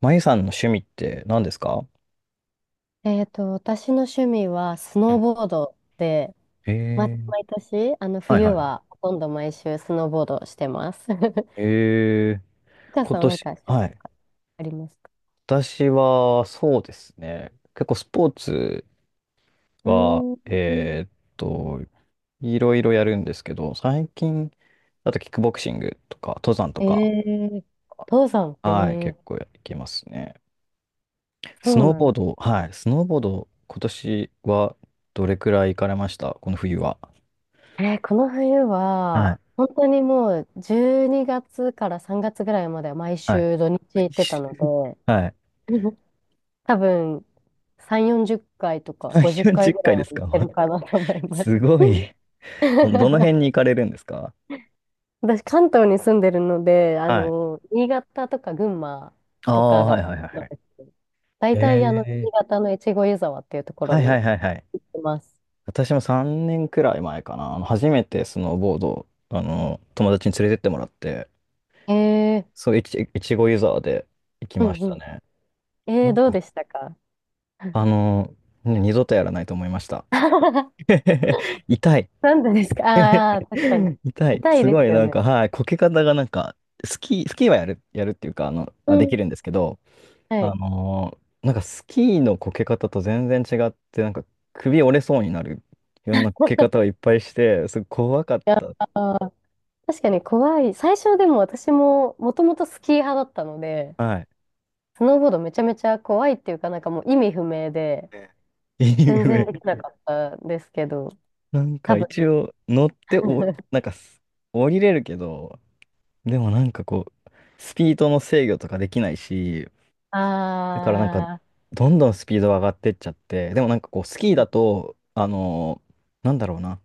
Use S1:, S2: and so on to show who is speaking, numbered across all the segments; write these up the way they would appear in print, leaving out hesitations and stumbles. S1: まゆさんの趣味って何ですか？
S2: 私の趣味はスノーボードで、
S1: ええー、
S2: 毎年、
S1: はい
S2: 冬
S1: はいはい。
S2: はほとんど毎週スノーボードしてます。
S1: ええ。
S2: お母
S1: 今
S2: さんはなんか
S1: 年、
S2: 趣味
S1: は
S2: と
S1: い。
S2: かありますか？
S1: 私は、そうですね。結構スポーツ
S2: う
S1: は、
S2: ーん。
S1: と、いろいろやるんですけど、最近、あとキックボクシングとか、登山と
S2: え
S1: か、
S2: え。登山、
S1: はい、
S2: え
S1: 結構
S2: え。
S1: やってますね。ス
S2: そう
S1: ノー
S2: なん
S1: ボー
S2: だ。
S1: ド、はい、スノーボード、今年はどれくらい行かれましたこの冬は？
S2: この冬
S1: は
S2: は、
S1: い。
S2: 本当にもう12月から3月ぐらいまでは毎
S1: はい。
S2: 週土日行ってたので、
S1: はい。
S2: 多分3、40回と か50
S1: 3、
S2: 回
S1: 40
S2: ぐらい
S1: 回で
S2: は
S1: す
S2: 行っ
S1: か？
S2: てるかなと思い ます。
S1: すごい。どの 辺に行かれるんですか？
S2: 私、関東に住んでるので、
S1: はい。
S2: 新潟とか群馬
S1: あ
S2: と
S1: あ、
S2: か
S1: はい
S2: が、
S1: はいはいはい。
S2: 大体、
S1: へえ。
S2: 新潟の越後湯沢っていうところ
S1: はいは
S2: に
S1: いはいはい。
S2: います。
S1: 私も3年くらい前かな。初めてスノーボードを、友達に連れてってもらって、
S2: えー、
S1: そう、いちごユーザーで行き
S2: う
S1: ま
S2: ん
S1: し
S2: う
S1: た
S2: ん。
S1: ね。なん
S2: どう
S1: か、
S2: でしたか？
S1: あの、ね、二度とやらないと思いました。痛い。
S2: なんでですか？ああー、確かに。
S1: 痛い。
S2: 痛い
S1: す
S2: で
S1: ご
S2: す
S1: い、
S2: よ
S1: なん
S2: ね。
S1: か、はい、こけ方がなんか、スキーはやるっていうか、
S2: う
S1: できるんで
S2: ん。
S1: すけど、
S2: はい。
S1: なんかスキーのこけ方と全然違って、なんか首折れそうになるいろんなこけ方をいっぱいして、すごい怖かった。
S2: ああ、確かに怖い。最初でも私も、もともとスキー派だったので、
S1: はい。
S2: スノーボードめちゃめちゃ怖いっていうか、なんかもう意味不明で、
S1: ね、いい
S2: 全然
S1: 上、
S2: できなかったんですけど、
S1: なん
S2: 多
S1: か
S2: 分。
S1: 一応乗ってなんか降りれるけど、でもなんかこう、スピードの制御とかできないし、だからなんか、
S2: あ
S1: どんどんスピードが上がってっちゃって、でもなんかこう、スキーだと、なんだろうな、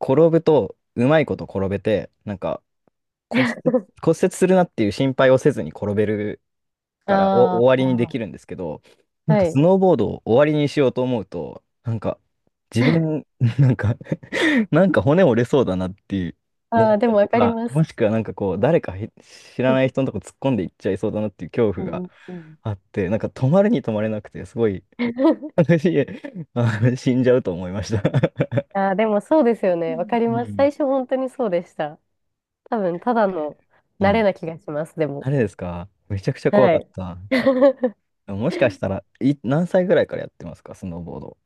S1: 転ぶと、うまいこと転べて、なんか、骨折、骨折するなっていう心配をせずに転べるから、お終
S2: あ、
S1: わ
S2: あ
S1: りにできるんですけど、
S2: あ、
S1: なん
S2: は
S1: かス
S2: い。
S1: ノーボードを終わりにしようと思うと、なんか自 分、なんか なんか骨折れそうだなっていう思
S2: ああ、
S1: っ
S2: で
S1: た
S2: も
S1: りと
S2: わかり
S1: か、
S2: ま
S1: も
S2: す。
S1: しくはなんかこう、誰かへ、知
S2: う
S1: ら
S2: ん
S1: ない人のとこ突っ込んでいっちゃいそうだなっていう恐
S2: う
S1: 怖が
S2: んうん。
S1: あって、なんか止まるに止まれなくて、すごい、私、死んじゃうと思いました。
S2: ああ、でもそうですよね。わか り
S1: う
S2: ます。
S1: ん。
S2: 最初本当にそうでした。多分、ただの
S1: う
S2: 慣れな
S1: ん。
S2: 気がします、で
S1: あ
S2: も。
S1: れですか？めちゃくちゃ怖
S2: は
S1: かっ
S2: い。
S1: た。もしかしたら、何歳ぐらいからやってますか、スノーボード。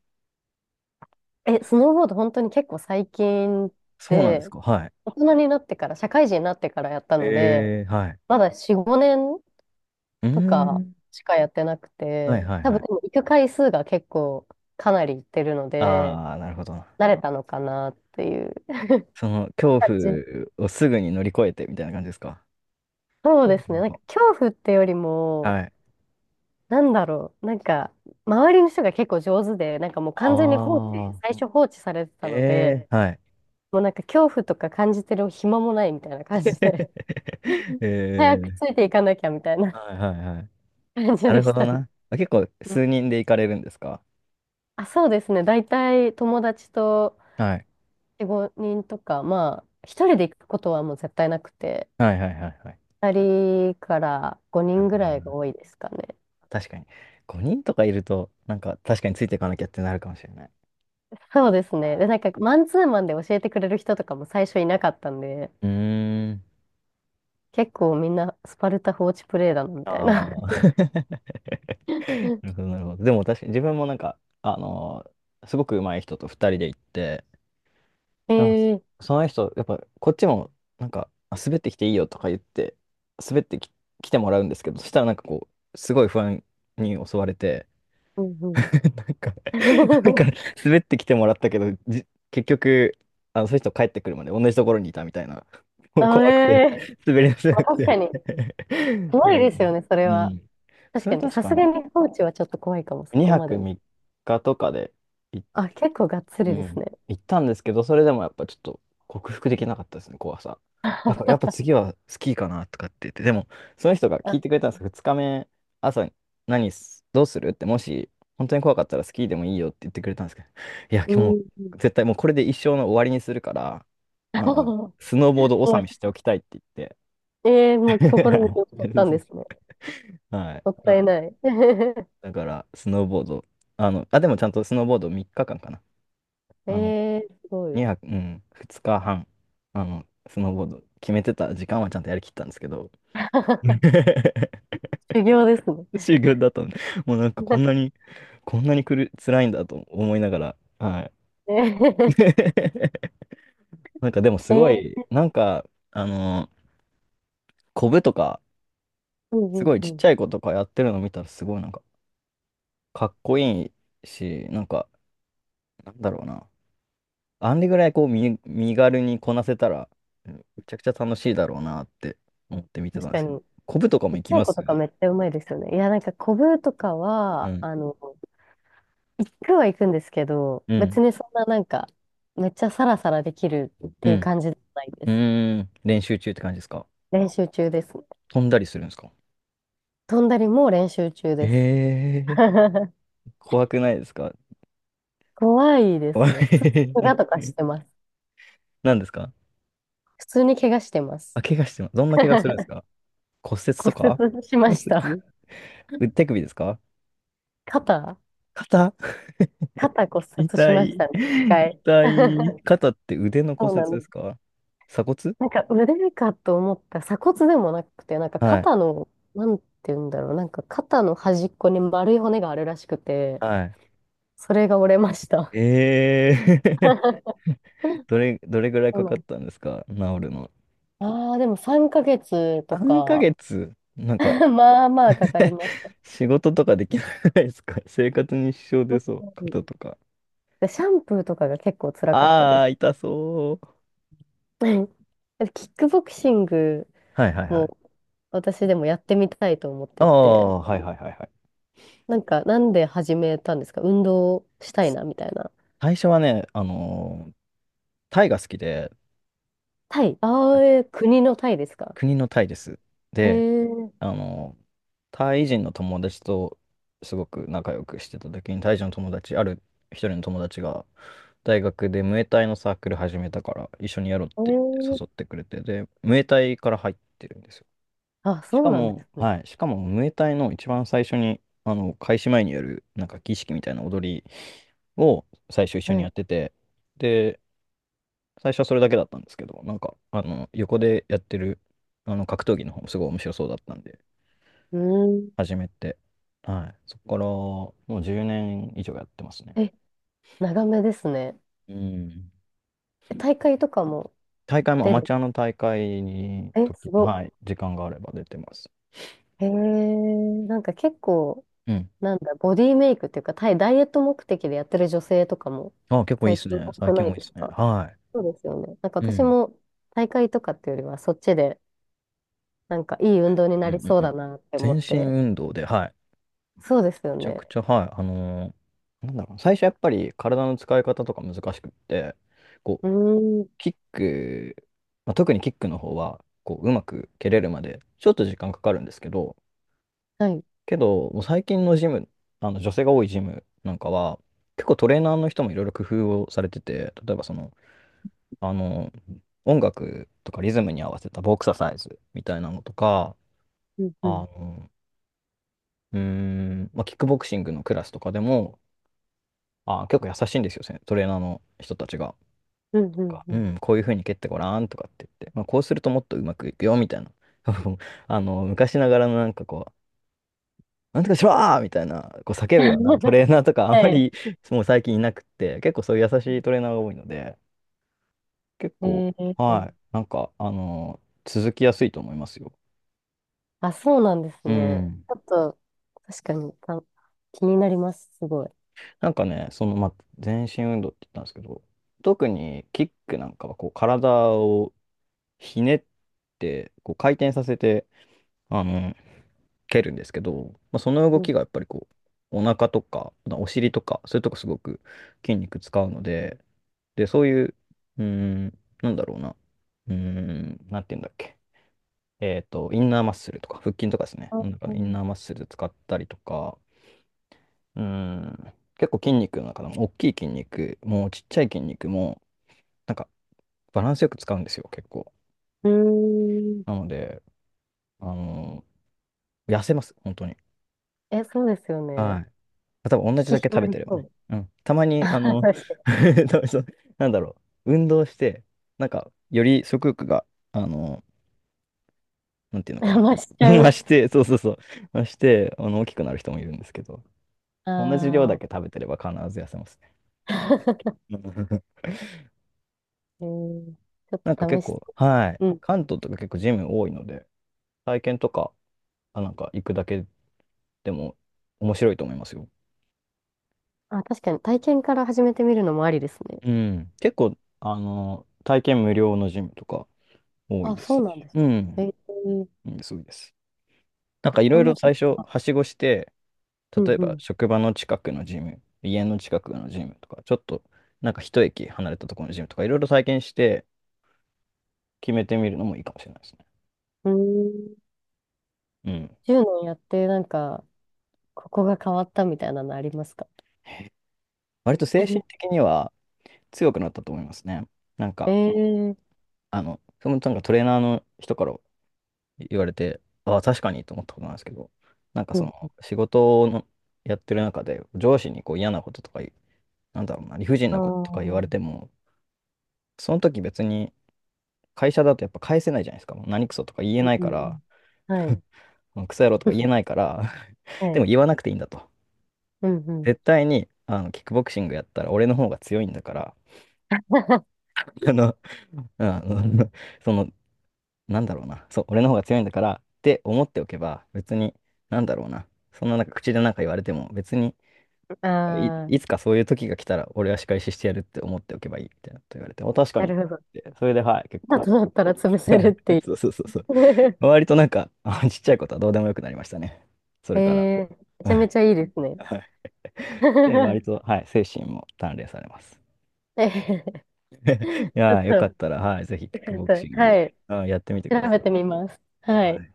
S2: え、スノーボード本当に結構最近
S1: そうなんです
S2: で、
S1: か。はい。
S2: 大人になってから、社会人になってからやったので、
S1: えー、はい。
S2: まだ4、5年
S1: うー
S2: とか
S1: ん。
S2: しかやってなく
S1: は
S2: て、
S1: いはい
S2: 多分
S1: は
S2: で
S1: い。
S2: も行く回数が結構かなり行ってるので、
S1: ああ、なるほど。
S2: なれたのかなっていう。
S1: その恐
S2: 感じ。
S1: 怖をすぐに乗り越えてみたいな感じですか。
S2: そう
S1: そう
S2: で
S1: です
S2: す
S1: な
S2: ね。
S1: ん
S2: なん
S1: か、
S2: か恐怖ってよりも、
S1: はい。
S2: なんだろう。なんか、周りの人が結構上手で、なんかもう完全に放
S1: あ
S2: 置、
S1: あ、
S2: 最初放置されてたので、
S1: ええ、はい。
S2: もうなんか恐怖とか感じてる暇もないみたいな感じで、早
S1: え
S2: くつ
S1: え、
S2: いていかなきゃみたいな
S1: はいはいはい。
S2: 感じ
S1: なる
S2: で
S1: ほ
S2: し
S1: ど
S2: たね。
S1: な。あ、結構
S2: うん。
S1: 数人で行かれるんですか？
S2: あ、そうですね。大体友達と
S1: はい。
S2: 4、5人とか、まあ、一人で行くことはもう絶対なくて、
S1: はいはいはいはい。
S2: 2人から5
S1: なる
S2: 人
S1: ほ
S2: ぐ
S1: ど
S2: らいが
S1: な。
S2: 多いですかね。
S1: 確かに。5人とかいると、なんか確かについていかなきゃってなるかもしれない。
S2: そうですね。で、なんか、マンツーマンで教えてくれる人とかも最初いなかったんで、
S1: うーん。
S2: 結構みんなスパルタ放置プレイだな、み
S1: あ
S2: たいな。
S1: あ。なる ほど、なるほど。でも確かに自分もなんか、すごく上手い人と二人で行って、でも
S2: ええ。
S1: その人、やっぱこっちもなんか、滑ってきていいよとか言って、滑ってき、来てもらうんですけど、そしたらなんかこう、すごい不安に襲われて、
S2: うんうん。
S1: なんかなんか 滑ってきてもらったけど、結局、その人帰ってくるまで同じところにいたみたいな。もう
S2: あ、え
S1: 怖くて、
S2: え。
S1: 滑り出せ
S2: まあ、
S1: なく
S2: 確か
S1: て。
S2: に、怖
S1: う
S2: いですよ
S1: ん。
S2: ね、それ
S1: う
S2: は。
S1: ん。
S2: 確
S1: そ
S2: か
S1: れ
S2: に、
S1: 確
S2: さ
S1: か
S2: す
S1: に、
S2: がに放置はちょっと怖いかも、そこ
S1: 2
S2: まで。
S1: 泊3日とかで
S2: あ、結構がっつ
S1: う
S2: りです
S1: ん。
S2: ね。
S1: 行ったんですけど、それでもやっぱちょっと克服できなかったですね、怖さ。やっぱ次はスキーかなとかって言って、でも、その人が
S2: あ、
S1: 聞いてくれたんですけど、2日目、朝に、どうするって、もし、本当に怖かったらスキーでもいいよって言ってくれたんですけど、いや、今
S2: う
S1: 日も
S2: ん。
S1: う、絶対もうこれで一生の終わりにするから、あ
S2: す
S1: の、スノーボード
S2: ご
S1: 納
S2: い。
S1: めしておきたいって言って。
S2: ええ、もう心に 決めちゃったんですね。
S1: はい。
S2: もっ
S1: な
S2: たい
S1: んで、
S2: ない。
S1: だから、スノーボード、でもちゃんとスノーボード3日間かんかな。
S2: え
S1: あの、
S2: え、すごい。
S1: 2泊、うん、2日半、スノーボード、決めてた時間はちゃんとやりきったんですけど、うん、
S2: 修行ですね。
S1: 修行 だったので、もうなんかこんな に、こんなに辛いんだと思いながら、は
S2: え
S1: い。
S2: え。
S1: なんかでもすご
S2: ええ。
S1: い、なんか、あの、コブとか、
S2: うんう
S1: すご
S2: ん
S1: い
S2: う
S1: ちっち
S2: ん。
S1: ゃい子とかやってるの見たら、すごいなんか、かっこいいし、なんか、なんだろうな。あんでぐらいこう、身軽にこなせたら、うん、めちゃくちゃ楽しいだろうなって思って見てた
S2: 確
S1: んで
S2: か
S1: すけど、
S2: に。
S1: コブとかも
S2: ちっ
S1: 行
S2: ち
S1: き
S2: ゃい
S1: ま
S2: 子と
S1: す？
S2: かめっちゃうまいですよね。いや、なんか、コブとか
S1: う
S2: は、
S1: ん、
S2: 行くは行くんですけど、
S1: うん、
S2: 別にそんななんか、めっちゃサラサラできるっ
S1: う
S2: ていう
S1: ん、
S2: 感じじゃないで
S1: う
S2: す。
S1: ーん、練習中って感じですか？
S2: 練習中です。
S1: 飛んだりするんですか？
S2: 飛んだりも練習中
S1: え
S2: です。
S1: え ー、怖くないですか？
S2: 怖いで
S1: 怖
S2: すね。普通に怪
S1: い。
S2: 我とかしてます。
S1: 何ですか？
S2: 普通に怪我してます。
S1: あ、怪我してます。どんな怪我するんです か？骨折
S2: 骨
S1: とか。
S2: 折しま
S1: 骨
S2: した。
S1: 折手首ですか？
S2: 肩。
S1: 肩。
S2: 肩骨折し
S1: 痛
S2: まし
S1: い。
S2: たね、一回。
S1: 痛い。肩って腕の
S2: そ
S1: 骨
S2: う
S1: 折
S2: なん
S1: で
S2: で
S1: す
S2: す。
S1: か？鎖骨。
S2: なんか腕かと思ったら鎖骨でもなくて、なんか
S1: はい。
S2: 肩の、なんて言うんだろう、なんか肩の端っこに丸い骨があるらしくて、
S1: はい。
S2: それが折れました。
S1: ええー。 どれぐらい
S2: そ
S1: か
S2: うな
S1: かっ
S2: んで
S1: たん
S2: す。
S1: ですか、治るの。
S2: ああ、でも3ヶ月と
S1: 3
S2: か、
S1: ヶ月。なんか、
S2: まあまあかかり ます。
S1: 仕事とかできないですか？生活に支障
S2: う
S1: 出そう。肩
S2: ん。
S1: とか。
S2: で、シャンプーとかが結構辛かったで
S1: あ
S2: す。
S1: あ、痛そう。
S2: うん。キックボクシング
S1: はいはいはい。
S2: も私でもやってみたいと思っ
S1: あ
S2: てて、
S1: あ、はいはいはいはい。
S2: なんかなんで始めたんですか？運動したいなみたいな。
S1: 最初はね、タイが好きで、
S2: タイ、あ
S1: あ、
S2: あ、国のタイですか？
S1: 国のタイです。
S2: え
S1: で、
S2: ー、
S1: あのータイ人の友達とすごく仲良くしてた時に、タイ人の友達、ある一人の友達が、大学でムエタイのサークル始めたから、一緒にやろうって
S2: え
S1: 言っ
S2: ー、
S1: て誘ってくれて、で、ムエタイから入ってるんですよ。
S2: あ、
S1: し
S2: そう
S1: か
S2: なんで
S1: も、
S2: すね。
S1: はい、しかも、ムエタイの一番最初に、開始前にやる、なんか儀式みたいな踊りを最初一緒
S2: は
S1: にや
S2: い。
S1: ってて、で、最初はそれだけだったんですけど、なんか、横でやってる、格闘技の方もすごい面白そうだったんで、
S2: うん。
S1: 始めて、はい、そこから、もう10年以上やってますね。
S2: え、長めですね。
S1: うん。
S2: え、大会とかも？
S1: 大会もア
S2: 出
S1: マ
S2: る。
S1: チュアの大会に、
S2: え、すご。
S1: はい、時間があれば出てます。
S2: なんか結構、
S1: うん。
S2: なんだ、ボディメイクっていうか、タイ、ダイエット目的でやってる女性とかも
S1: あ、結構いい
S2: 最
S1: です
S2: 近
S1: ね。
S2: 多
S1: 最
S2: く
S1: 近
S2: ない
S1: もいい
S2: で
S1: で
S2: す
S1: すね。
S2: か？
S1: は
S2: そうですよね。なんか
S1: い。う
S2: 私
S1: ん。
S2: も大会とかっていうよりは、そっちで、なんかいい運動に
S1: うん
S2: なり
S1: うん
S2: そう
S1: う
S2: だ
S1: ん。
S2: なって思
S1: 全
S2: っ
S1: 身
S2: て。
S1: 運動で、はい。
S2: そうですよ
S1: めちゃ
S2: ね。
S1: くちゃ、はい。なんだろう。最初やっぱり体の使い方とか難しくって、こ
S2: う
S1: う、
S2: ーん。
S1: キック、まあ、特にキックの方は、こう、うまく蹴れるまで、ちょっと時間かかるんですけど、
S2: はい。
S1: もう最近のジム、女性が多いジムなんかは、結構トレーナーの人もいろいろ工夫をされてて、例えばその、あの、音楽とかリズムに合わせたボクササイズみたいなのとか、
S2: うん
S1: あ
S2: うん。
S1: のうーん、まあ、キックボクシングのクラスとかでも、結構優しいんですよ、トレーナーの人たちが。
S2: うんう
S1: なん
S2: ん
S1: か、
S2: う
S1: う
S2: ん。
S1: ん、こういう風に蹴ってごらんとかって言って、まあ、こうするともっとうまくいくよ、みたいな。昔ながらのなんかこう、なんとかしろーみたいな、こう叫ぶようなト レーナーとかあん
S2: は
S1: ま
S2: い。
S1: り、 もう最近いなくって、結構そういう優しいトレーナーが多いので、結構、
S2: えー、
S1: はい、なんか、続きやすいと思いますよ。
S2: あ、そうなんです
S1: う
S2: ね。
S1: ん。
S2: ちょっと、確かにた気になります、すごい。
S1: なんかね、その、まあ、全身運動って言ったんですけど、特にキックなんかはこう体をひねって、こう回転させて、あの、蹴るんですけど、その
S2: う
S1: 動
S2: ん、
S1: きがやっぱりこう、お腹とか、お尻とか、そういうとこすごく筋肉使うので、で、そういう、うーん、なんだろうな、うーん、なんて言うんだっけ、えっと、インナーマッスルとか、腹筋とかですね、
S2: あ、う
S1: イン
S2: ん。
S1: ナーマッスル使ったりとか、うん。結構筋肉の中でも、大きい筋肉も、ちっちゃい筋肉も、なんか、バランスよく使うんですよ、結構。
S2: うーん。
S1: なので、あの痩せます、本当に。
S2: え、そうですよ
S1: は
S2: ね。
S1: い。多分同じ
S2: 引
S1: だ
S2: き
S1: け
S2: 締
S1: 食
S2: ま
S1: べ
S2: り
S1: てれば
S2: そ
S1: ね。
S2: う。
S1: うん。たま に、
S2: あ、確かに。
S1: 多分そう、なんだろ運動して、より食欲が、あのなんていうの か
S2: あ、
S1: な。
S2: 増しちゃ
S1: 増
S2: う。
S1: して、そうそうそう、増して、大きくなる人もいるんですけど、同じ量だ
S2: あ
S1: け食べてれば必ず痩せますね。結構。
S2: あ。えー、ちょっ
S1: 結
S2: と試し
S1: 構、
S2: て。
S1: はい。
S2: うん。
S1: 関東とか結構ジム多いので、体験とか、行くだけでも面白いと思いますよ。
S2: あ、確かに体験から始めてみるのもありですね。
S1: うん。結構、体験無料のジムとか多い
S2: あ、
S1: です
S2: そうなん
S1: し。
S2: です。
S1: う
S2: え
S1: ん。
S2: ー、
S1: いいですごいです。い
S2: あ
S1: ろ
S2: ん
S1: い
S2: ま
S1: ろ
S2: り、
S1: 最初、はしごして、
S2: う
S1: 例
S2: ん
S1: え
S2: う
S1: ば
S2: ん。
S1: 職場の近くのジム、家の近くのジムとか、ちょっと、なんか一駅離れたところのジムとか、いろいろ体験して決めてみるのもいいかもしれないですね。
S2: うーん。
S1: うん。
S2: 10年やって、なんか、ここが変わったみたいなのありますか？
S1: 割と精神的 には強くなったと思いますね。なん
S2: え
S1: か、
S2: えー。
S1: トレーナーの人から言われて、ああ、確かにと思ったことなんですけど、
S2: う
S1: そ
S2: ん。
S1: の仕事のやってる中で上司にこう嫌なこととか言う、なんだろうな、理不尽
S2: ああ、
S1: なこととか言われ
S2: うん
S1: ても、その時別に会社だとやっぱ返せないじゃないですか。もう何クソとか言え
S2: うん
S1: ない
S2: う
S1: から、
S2: ん。はい。
S1: もうクソ野郎とか言え ないから、
S2: は
S1: で
S2: い。
S1: も言わなくていいんだと。
S2: うんうん。
S1: 絶対にキックボクシングやったら俺の方が強いんだから、あの、あの、そのなんだろうな、そう、俺の方が強いんだからって思っておけば、別に、なんだろうな、そんななんか口で言われても、別に
S2: ああ、
S1: いつかそういう時が来たら、俺は仕返ししてやるって思っておけばいいみたいなこと言われて、お、確か
S2: な
S1: に。
S2: るほど。
S1: で、それで、はい、結
S2: 今
S1: 構、
S2: となったら潰せるってい
S1: そう
S2: う。
S1: そうそうそう、割とあちっちゃいことはどうでもよくなりましたね。そ
S2: え
S1: れから、
S2: えー、めち
S1: は
S2: ゃめ
S1: い、
S2: ちゃいいですね。
S1: はいで、割 と、はい、精神も鍛錬されます。
S2: ええ、 ち
S1: い
S2: ょっ
S1: やー、
S2: と、
S1: よか
S2: よ
S1: ったら、はい、ぜひ、キック
S2: かっ
S1: ボクシン
S2: た。は
S1: グ、
S2: い。
S1: あ、やってみてくだ
S2: 調べ
S1: さ
S2: てみます。
S1: い。
S2: は
S1: は
S2: い。
S1: い